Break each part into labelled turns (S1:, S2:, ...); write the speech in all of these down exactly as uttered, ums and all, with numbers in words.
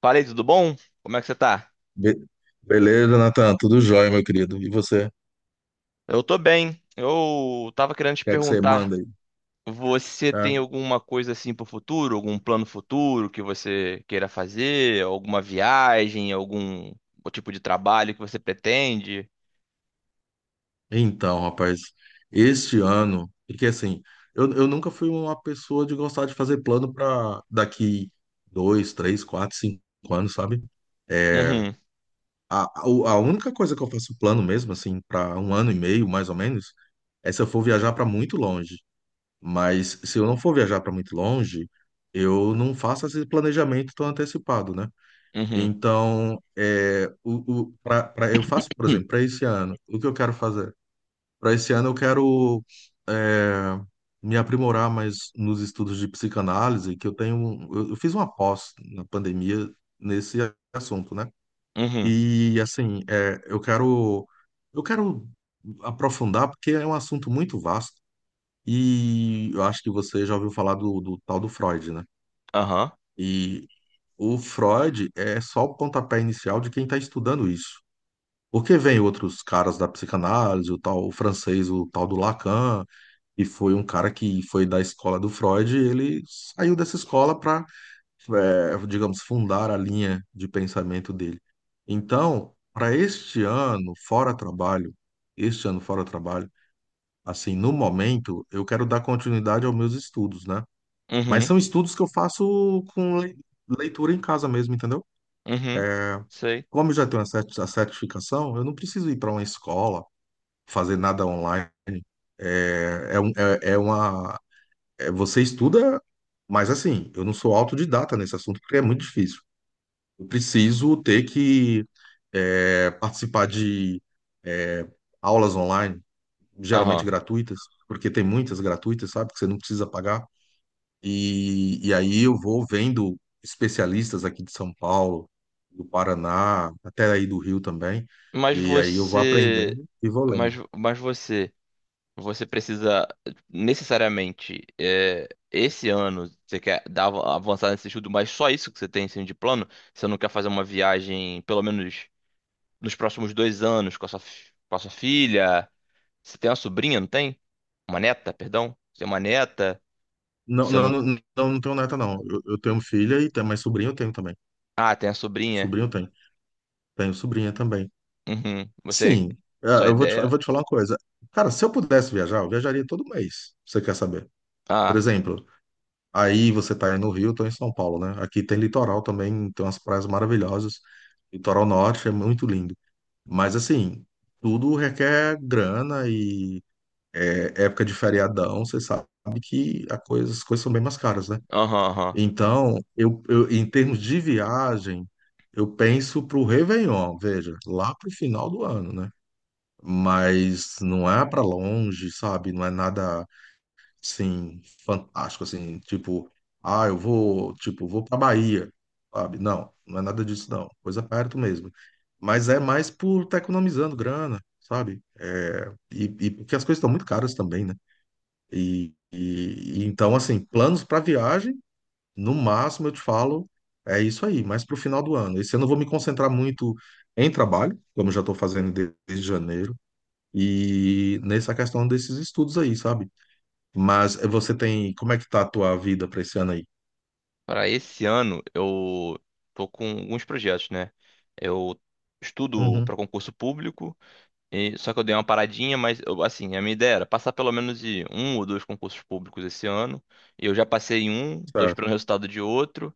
S1: Falei, tudo bom? Como é que você tá?
S2: Be- Beleza, Natan? Tudo jóia, meu querido. E você? O
S1: Eu tô bem. Eu tava querendo te
S2: que é que você
S1: perguntar,
S2: manda aí?
S1: você tem
S2: Tá?
S1: alguma coisa assim pro futuro, algum plano futuro que você queira fazer, alguma viagem, algum tipo de trabalho que você pretende?
S2: Então, rapaz, este ano, porque assim, eu, eu nunca fui uma pessoa de gostar de fazer plano para daqui dois, três, quatro, cinco anos, sabe? É,
S1: Uhum,
S2: a, a a única coisa que eu faço plano mesmo, assim, para um ano e meio, mais ou menos, é se eu for viajar para muito longe. Mas se eu não for viajar para muito longe, eu não faço esse planejamento tão antecipado, né?
S1: uhum,
S2: Então, é, o, o, pra, pra- eu faço, por
S1: hum,
S2: exemplo, para esse ano, o que eu quero fazer? Para esse ano, eu quero é, me aprimorar mais nos estudos de psicanálise, que eu tenho. um- Eu, eu fiz uma pós na pandemia nesse assunto, né?
S1: uhum,
S2: E, assim, é, eu quero, eu quero aprofundar, porque é um assunto muito vasto. E eu acho que você já ouviu falar do, do tal do Freud, né?
S1: aham,
S2: E o Freud é só o pontapé inicial de quem está estudando isso. Porque vem outros caras da psicanálise, o tal o francês, o tal do Lacan, e foi um cara que foi da escola do Freud, e ele saiu dessa escola para, digamos, fundar a linha de pensamento dele. Então, para este ano, fora trabalho, este ano fora trabalho, assim, no momento, eu quero dar continuidade aos meus estudos, né? Mas
S1: uhum,
S2: são estudos que eu faço com le- leitura em casa mesmo, entendeu?
S1: uhum, sei,
S2: Como eu já tenho a cert- a certificação, eu não preciso ir para uma escola fazer nada online. É, é, um- é- é uma. é- você estuda, mas assim, eu não sou autodidata nesse assunto porque é muito difícil. Eu preciso ter que é, participar de é, aulas online, geralmente
S1: aham.
S2: gratuitas, porque tem muitas gratuitas, sabe? Que você não precisa pagar. E, e aí eu vou vendo especialistas aqui de São Paulo, do Paraná, até aí do Rio também.
S1: Mas
S2: E aí eu vou
S1: você,
S2: aprendendo e vou lendo.
S1: mas, mas você você precisa necessariamente é, esse ano você quer dar avançar nesse estudo, mas só isso que você tem assim, de plano? Você não quer fazer uma viagem, pelo menos nos próximos dois anos, com a sua, fi- com a sua filha? Você tem uma sobrinha, não tem? Uma neta, perdão? Você tem uma neta?
S2: Não,
S1: Você
S2: não,
S1: não.
S2: não, não, não tenho neta, não. Eu, eu tenho filha e tenho, mas sobrinho eu tenho também.
S1: Ah, tem a sobrinha.
S2: Sobrinho eu tenho. Tenho sobrinha também.
S1: Uhum. Você.
S2: Sim, é,
S1: Sua
S2: eu vou te, eu
S1: ideia.
S2: vou te falar uma coisa. Cara, se eu pudesse viajar, eu viajaria todo mês. Você quer saber? Por
S1: Ah,
S2: exemplo, aí você tá aí no Rio, eu tô em São Paulo, né? Aqui tem litoral também, tem umas praias maravilhosas. Litoral norte é muito lindo. Mas assim, tudo requer grana e é, época de feriadão, você sabe que a coisa, as coisas são bem mais caras, né?
S1: aham, aham.
S2: Então, eu, eu- em termos de viagem, eu penso para o Réveillon, veja, lá para o final do ano, né? Mas não é para longe, sabe? Não é nada assim fantástico, assim, tipo, ah, eu vou, tipo, vou para Bahia, sabe? Não, não é nada disso, não. Coisa perto mesmo. Mas é mais por estar economizando grana, sabe? É, e, e porque as coisas estão muito caras também, né? E, e e então, assim, planos para viagem. No máximo, eu te falo, é isso aí, mas para o final do ano. Esse ano eu vou me concentrar muito em trabalho, como eu já estou fazendo de- desde janeiro, e nessa questão desses estudos aí, sabe? Mas eh, você tem. Como é que tá a tua vida para esse ano aí?
S1: Para esse ano, eu tô com alguns projetos, né? Eu estudo
S2: Uhum,
S1: para concurso público. E- só que eu dei uma paradinha, mas eu- assim, a minha ideia era passar pelo menos de um ou dois concursos públicos esse ano. Eu já passei em um, tô
S2: certo.
S1: esperando o resultado de outro.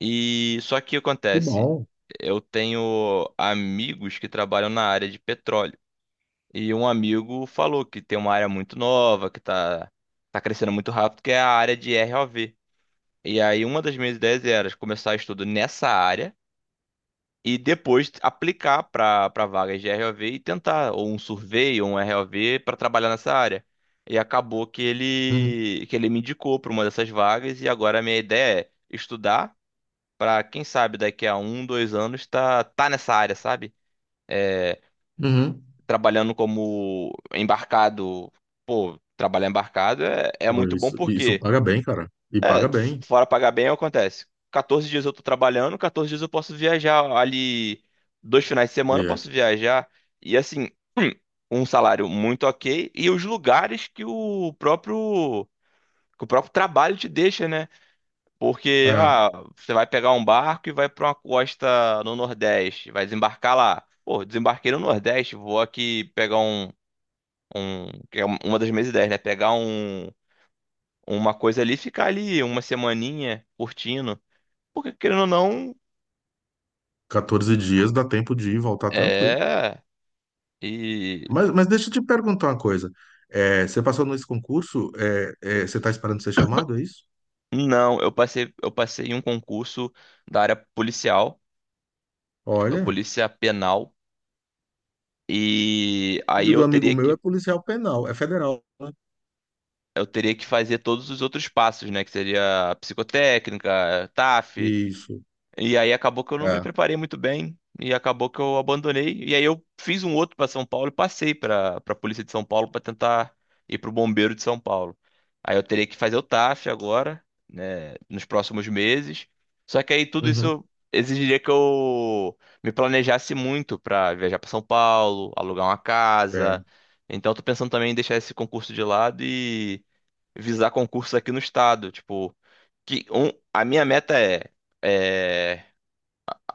S1: E só que o que
S2: Que
S1: acontece,
S2: bom.
S1: eu tenho amigos que trabalham na área de petróleo. E um amigo falou que tem uma área muito nova, que tá, tá crescendo muito rápido, que é a área de R O V. E aí uma das minhas ideias era começar estudo nessa área e depois aplicar para para vagas de R O V e tentar ou um survey ou um R O V para trabalhar nessa área. E acabou que
S2: Uhum,
S1: ele que ele me indicou para uma dessas vagas e agora a minha ideia é estudar para quem sabe daqui a um, dois anos tá tá nessa área, sabe? É,
S2: uhum.
S1: trabalhando como embarcado. Pô, trabalhar embarcado é, é
S2: Pô,
S1: muito bom
S2: isso, isso
S1: porque
S2: paga bem, cara. E paga
S1: f-
S2: bem.
S1: fora pagar bem, acontece. quatorze dias eu tô trabalhando, quatorze dias eu posso viajar ali, dois finais de semana eu
S2: E,
S1: posso viajar. E assim, um salário muito ok e os lugares que o próprio que o próprio trabalho te deixa, né? Porque
S2: é,
S1: ah, você vai pegar um barco e vai pra uma costa no Nordeste, vai desembarcar lá. Pô, desembarquei no Nordeste, vou aqui pegar um, um que é uma das minhas ideias, né? Pegar um uma coisa ali, e ficar ali uma semaninha curtindo. Porque, querendo ou não,
S2: quatorze dias dá tempo de ir e voltar tranquilo.
S1: é. E
S2: Mas, mas deixa eu te perguntar uma coisa. Eh, você passou nesse concurso, eh, eh, você está esperando ser chamado, é isso?
S1: não, eu passei, eu passei em um concurso da área policial, a
S2: Olha,
S1: polícia penal, e aí
S2: filho do
S1: eu
S2: amigo
S1: teria
S2: meu é
S1: que
S2: policial penal, é federal, né?
S1: eu teria que fazer todos os outros passos, né? Que seria psicotécnica, táfi
S2: Isso,
S1: E aí acabou que eu não me
S2: é.
S1: preparei muito bem e acabou que eu abandonei. E aí eu fiz um outro para São Paulo e passei para para a Polícia de São Paulo para tentar ir para o Bombeiro de São Paulo. Aí eu teria que fazer o T A F agora, né, nos próximos meses. Só que aí tudo
S2: Uhum.
S1: isso exigiria que eu me planejasse muito para viajar para São Paulo, alugar uma casa.
S2: É,
S1: Então eu tô pensando também em deixar esse concurso de lado e visar concursos aqui no estado, tipo, que um, a minha meta é é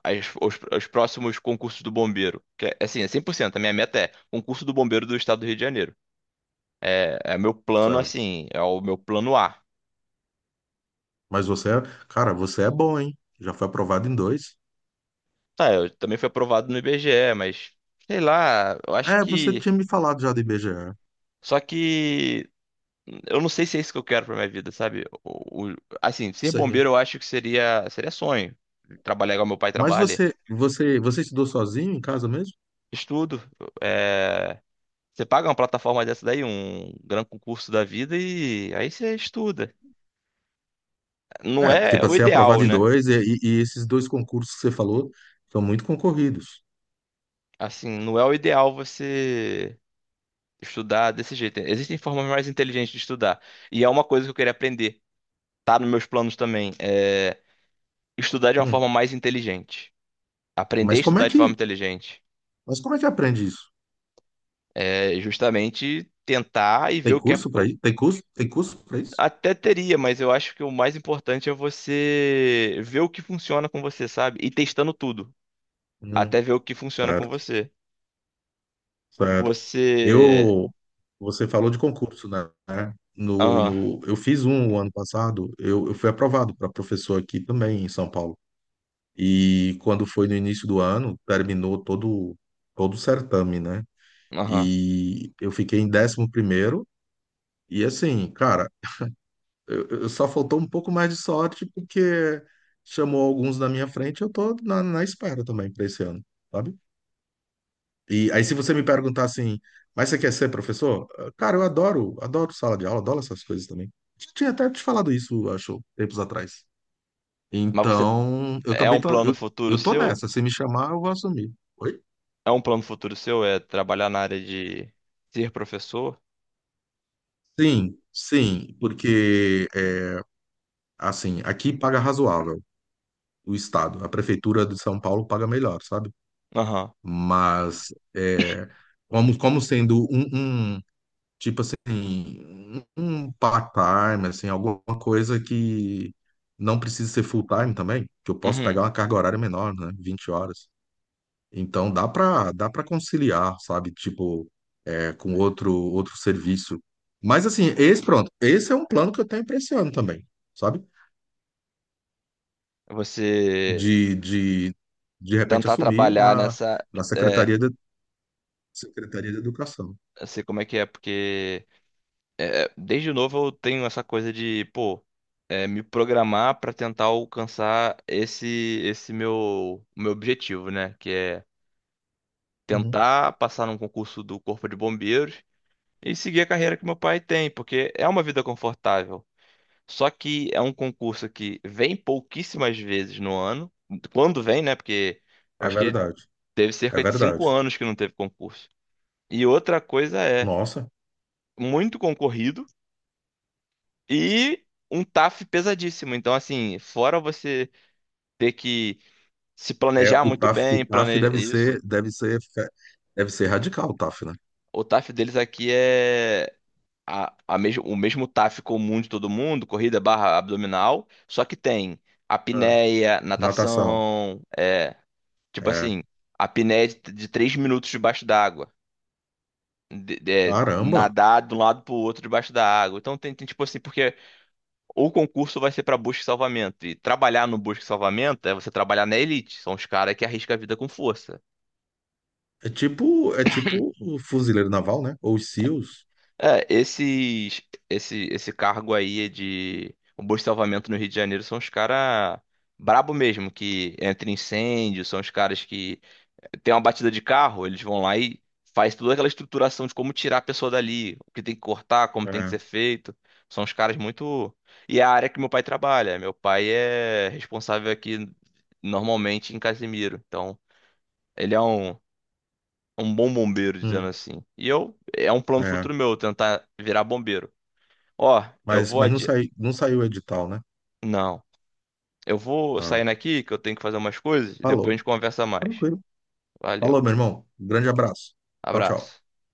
S1: as- os, os próximos concursos do bombeiro. Que é, assim, é cem por cento. A minha meta é concurso do bombeiro do estado do Rio de Janeiro. É, é meu plano,
S2: certo.
S1: assim, é o meu plano A.
S2: Mas você é, cara, você é bom, hein? Já foi aprovado em dois.
S1: Tá, eu também fui aprovado no I B G E, mas sei lá, eu acho
S2: É, você
S1: que.
S2: tinha me falado já do I B G E.
S1: Só que eu não sei se é isso que eu quero pra minha vida, sabe? O, o- assim, ser bombeiro
S2: Sei.
S1: eu acho que seria, seria sonho. Trabalhar igual meu pai
S2: Mas
S1: trabalha.
S2: você, você, você estudou sozinho em casa mesmo?
S1: Estudo. é, Você paga uma plataforma dessa daí, um grande concurso da vida, e aí você estuda. Não
S2: É, porque
S1: é
S2: para
S1: o
S2: ser
S1: ideal,
S2: aprovado em
S1: né?
S2: dois, e, e- e esses dois concursos que você falou são muito concorridos.
S1: Assim, não é o ideal você estudar desse jeito. Existem formas mais inteligentes de estudar. E é uma coisa que eu queria aprender. Tá nos meus planos também. É estudar de uma forma
S2: Hum.
S1: mais inteligente. Aprender a
S2: Mas como é
S1: estudar de
S2: que,
S1: forma inteligente.
S2: mas como é que aprende isso?
S1: É justamente tentar e ver
S2: Tem
S1: o que é.
S2: curso para
S1: Eu
S2: isso? Tem curso? Tem curso para isso?
S1: Até teria, mas eu acho que o mais importante é você ver o que funciona com você, sabe? E testando tudo. Até
S2: Hum.
S1: ver o que funciona com
S2: Certo.
S1: você.
S2: Certo.
S1: Você.
S2: Eu, Você falou de concurso, né? No,
S1: Aham,
S2: no, eu fiz um ano passado, eu, eu fui aprovado para professor aqui também em São Paulo. E quando foi no início do ano, terminou todo, todo o certame, né?
S1: aham.
S2: E eu fiquei em décimo primeiro. E assim, cara, eu, eu só faltou um pouco mais de sorte porque chamou alguns na minha frente, eu tô na, na espera também para esse ano, sabe? E aí, se você me perguntar assim, mas você quer ser professor? Eh, Cara, eu adoro, adoro sala de aula, adoro essas coisas também. Já tinha até te falado isso, acho, tempos atrás.
S1: Mas você
S2: Então, eu
S1: É um
S2: também tô,
S1: plano
S2: eu,
S1: futuro
S2: eu tô
S1: seu?
S2: nessa. Se me chamar, eu vou assumir. Oi?
S1: É um plano futuro seu? É trabalhar na área de ser professor?
S2: Sim, sim, porque, eh, assim, aqui paga razoável o Estado. A Prefeitura de São Paulo paga melhor, sabe?
S1: Aham.
S2: Mas, eh, como, como sendo um, um Tipo assim, um part-time, assim, alguma coisa que não precisa ser full-time também, que eu posso
S1: Uhum.
S2: pegar uma carga horária menor, né? Vinte horas. Então dá pra, dá para conciliar, sabe? Tipo, é, com outro, outro serviço. Mas assim, esse, pronto, esse é um plano que eu tenho pra esse ano também, sabe?
S1: Você
S2: De, de, de repente
S1: tentar
S2: assumir
S1: trabalhar
S2: na,
S1: nessa.
S2: na
S1: É,
S2: Secretaria de, Secretaria de Educação.
S1: eu sei como é que é, porque é, desde novo eu tenho essa coisa de, pô, é, me programar pra tentar alcançar esse esse meu, meu objetivo, né? Que é
S2: Uhum.
S1: tentar passar num concurso do Corpo de Bombeiros e seguir a carreira que meu pai tem, porque é uma vida confortável. Só que é um concurso que vem pouquíssimas vezes no ano. Quando vem, né? Porque
S2: É
S1: acho que
S2: verdade,
S1: teve
S2: é
S1: cerca de cinco
S2: verdade.
S1: anos que não teve concurso. E outra coisa é
S2: Nossa.
S1: muito concorrido e um T A F pesadíssimo. Então, assim, fora você ter que se planejar
S2: É, o
S1: muito
S2: TAF, o
S1: bem,
S2: tafe
S1: planejar
S2: deve
S1: isso,
S2: ser, deve ser, fica- deve ser radical, o tafe, né?
S1: o T A F deles aqui é a, a mesmo, o mesmo T A F comum de todo mundo, corrida barra abdominal, só que tem
S2: É.
S1: apneia,
S2: Natação.
S1: natação, é, tipo
S2: É.
S1: assim, a apneia de, de três minutos debaixo d'água. De, de- é,
S2: Caramba.
S1: nadar de um lado pro outro debaixo da água. Então tem, tem, tipo assim, porque o concurso vai ser pra busca e salvamento. E trabalhar no busca e salvamento é você trabalhar na elite. São os caras que arriscam a vida com força.
S2: É tipo, é tipo o fuzileiro naval, né? Ou os SEALs.
S1: É, esses, esse, esse cargo aí de o busca e salvamento no Rio de Janeiro são os caras brabo mesmo, que entra em incêndio, são os caras que tem uma batida de carro, eles vão lá e faz toda aquela estruturação de como tirar a pessoa dali, o que tem que cortar, como tem que ser
S2: É.
S1: feito. São os caras muito. E é a área que meu pai trabalha. Meu pai é responsável aqui normalmente em Casimiro. Então, ele é um, um bom bombeiro, dizendo
S2: Hum.
S1: assim. E eu, é um plano
S2: É.
S1: futuro meu, tentar virar bombeiro. Ó, eu
S2: Mas,
S1: vou
S2: mas não
S1: adi...
S2: sai, não saiu o edital, né?
S1: Não. Eu vou
S2: Ah.
S1: saindo aqui que eu tenho que fazer umas coisas e depois a
S2: Falou.
S1: gente conversa mais.
S2: Tranquilo. Falou,
S1: Valeu.
S2: meu irmão. Grande abraço. Tchau, tchau.
S1: Abraço.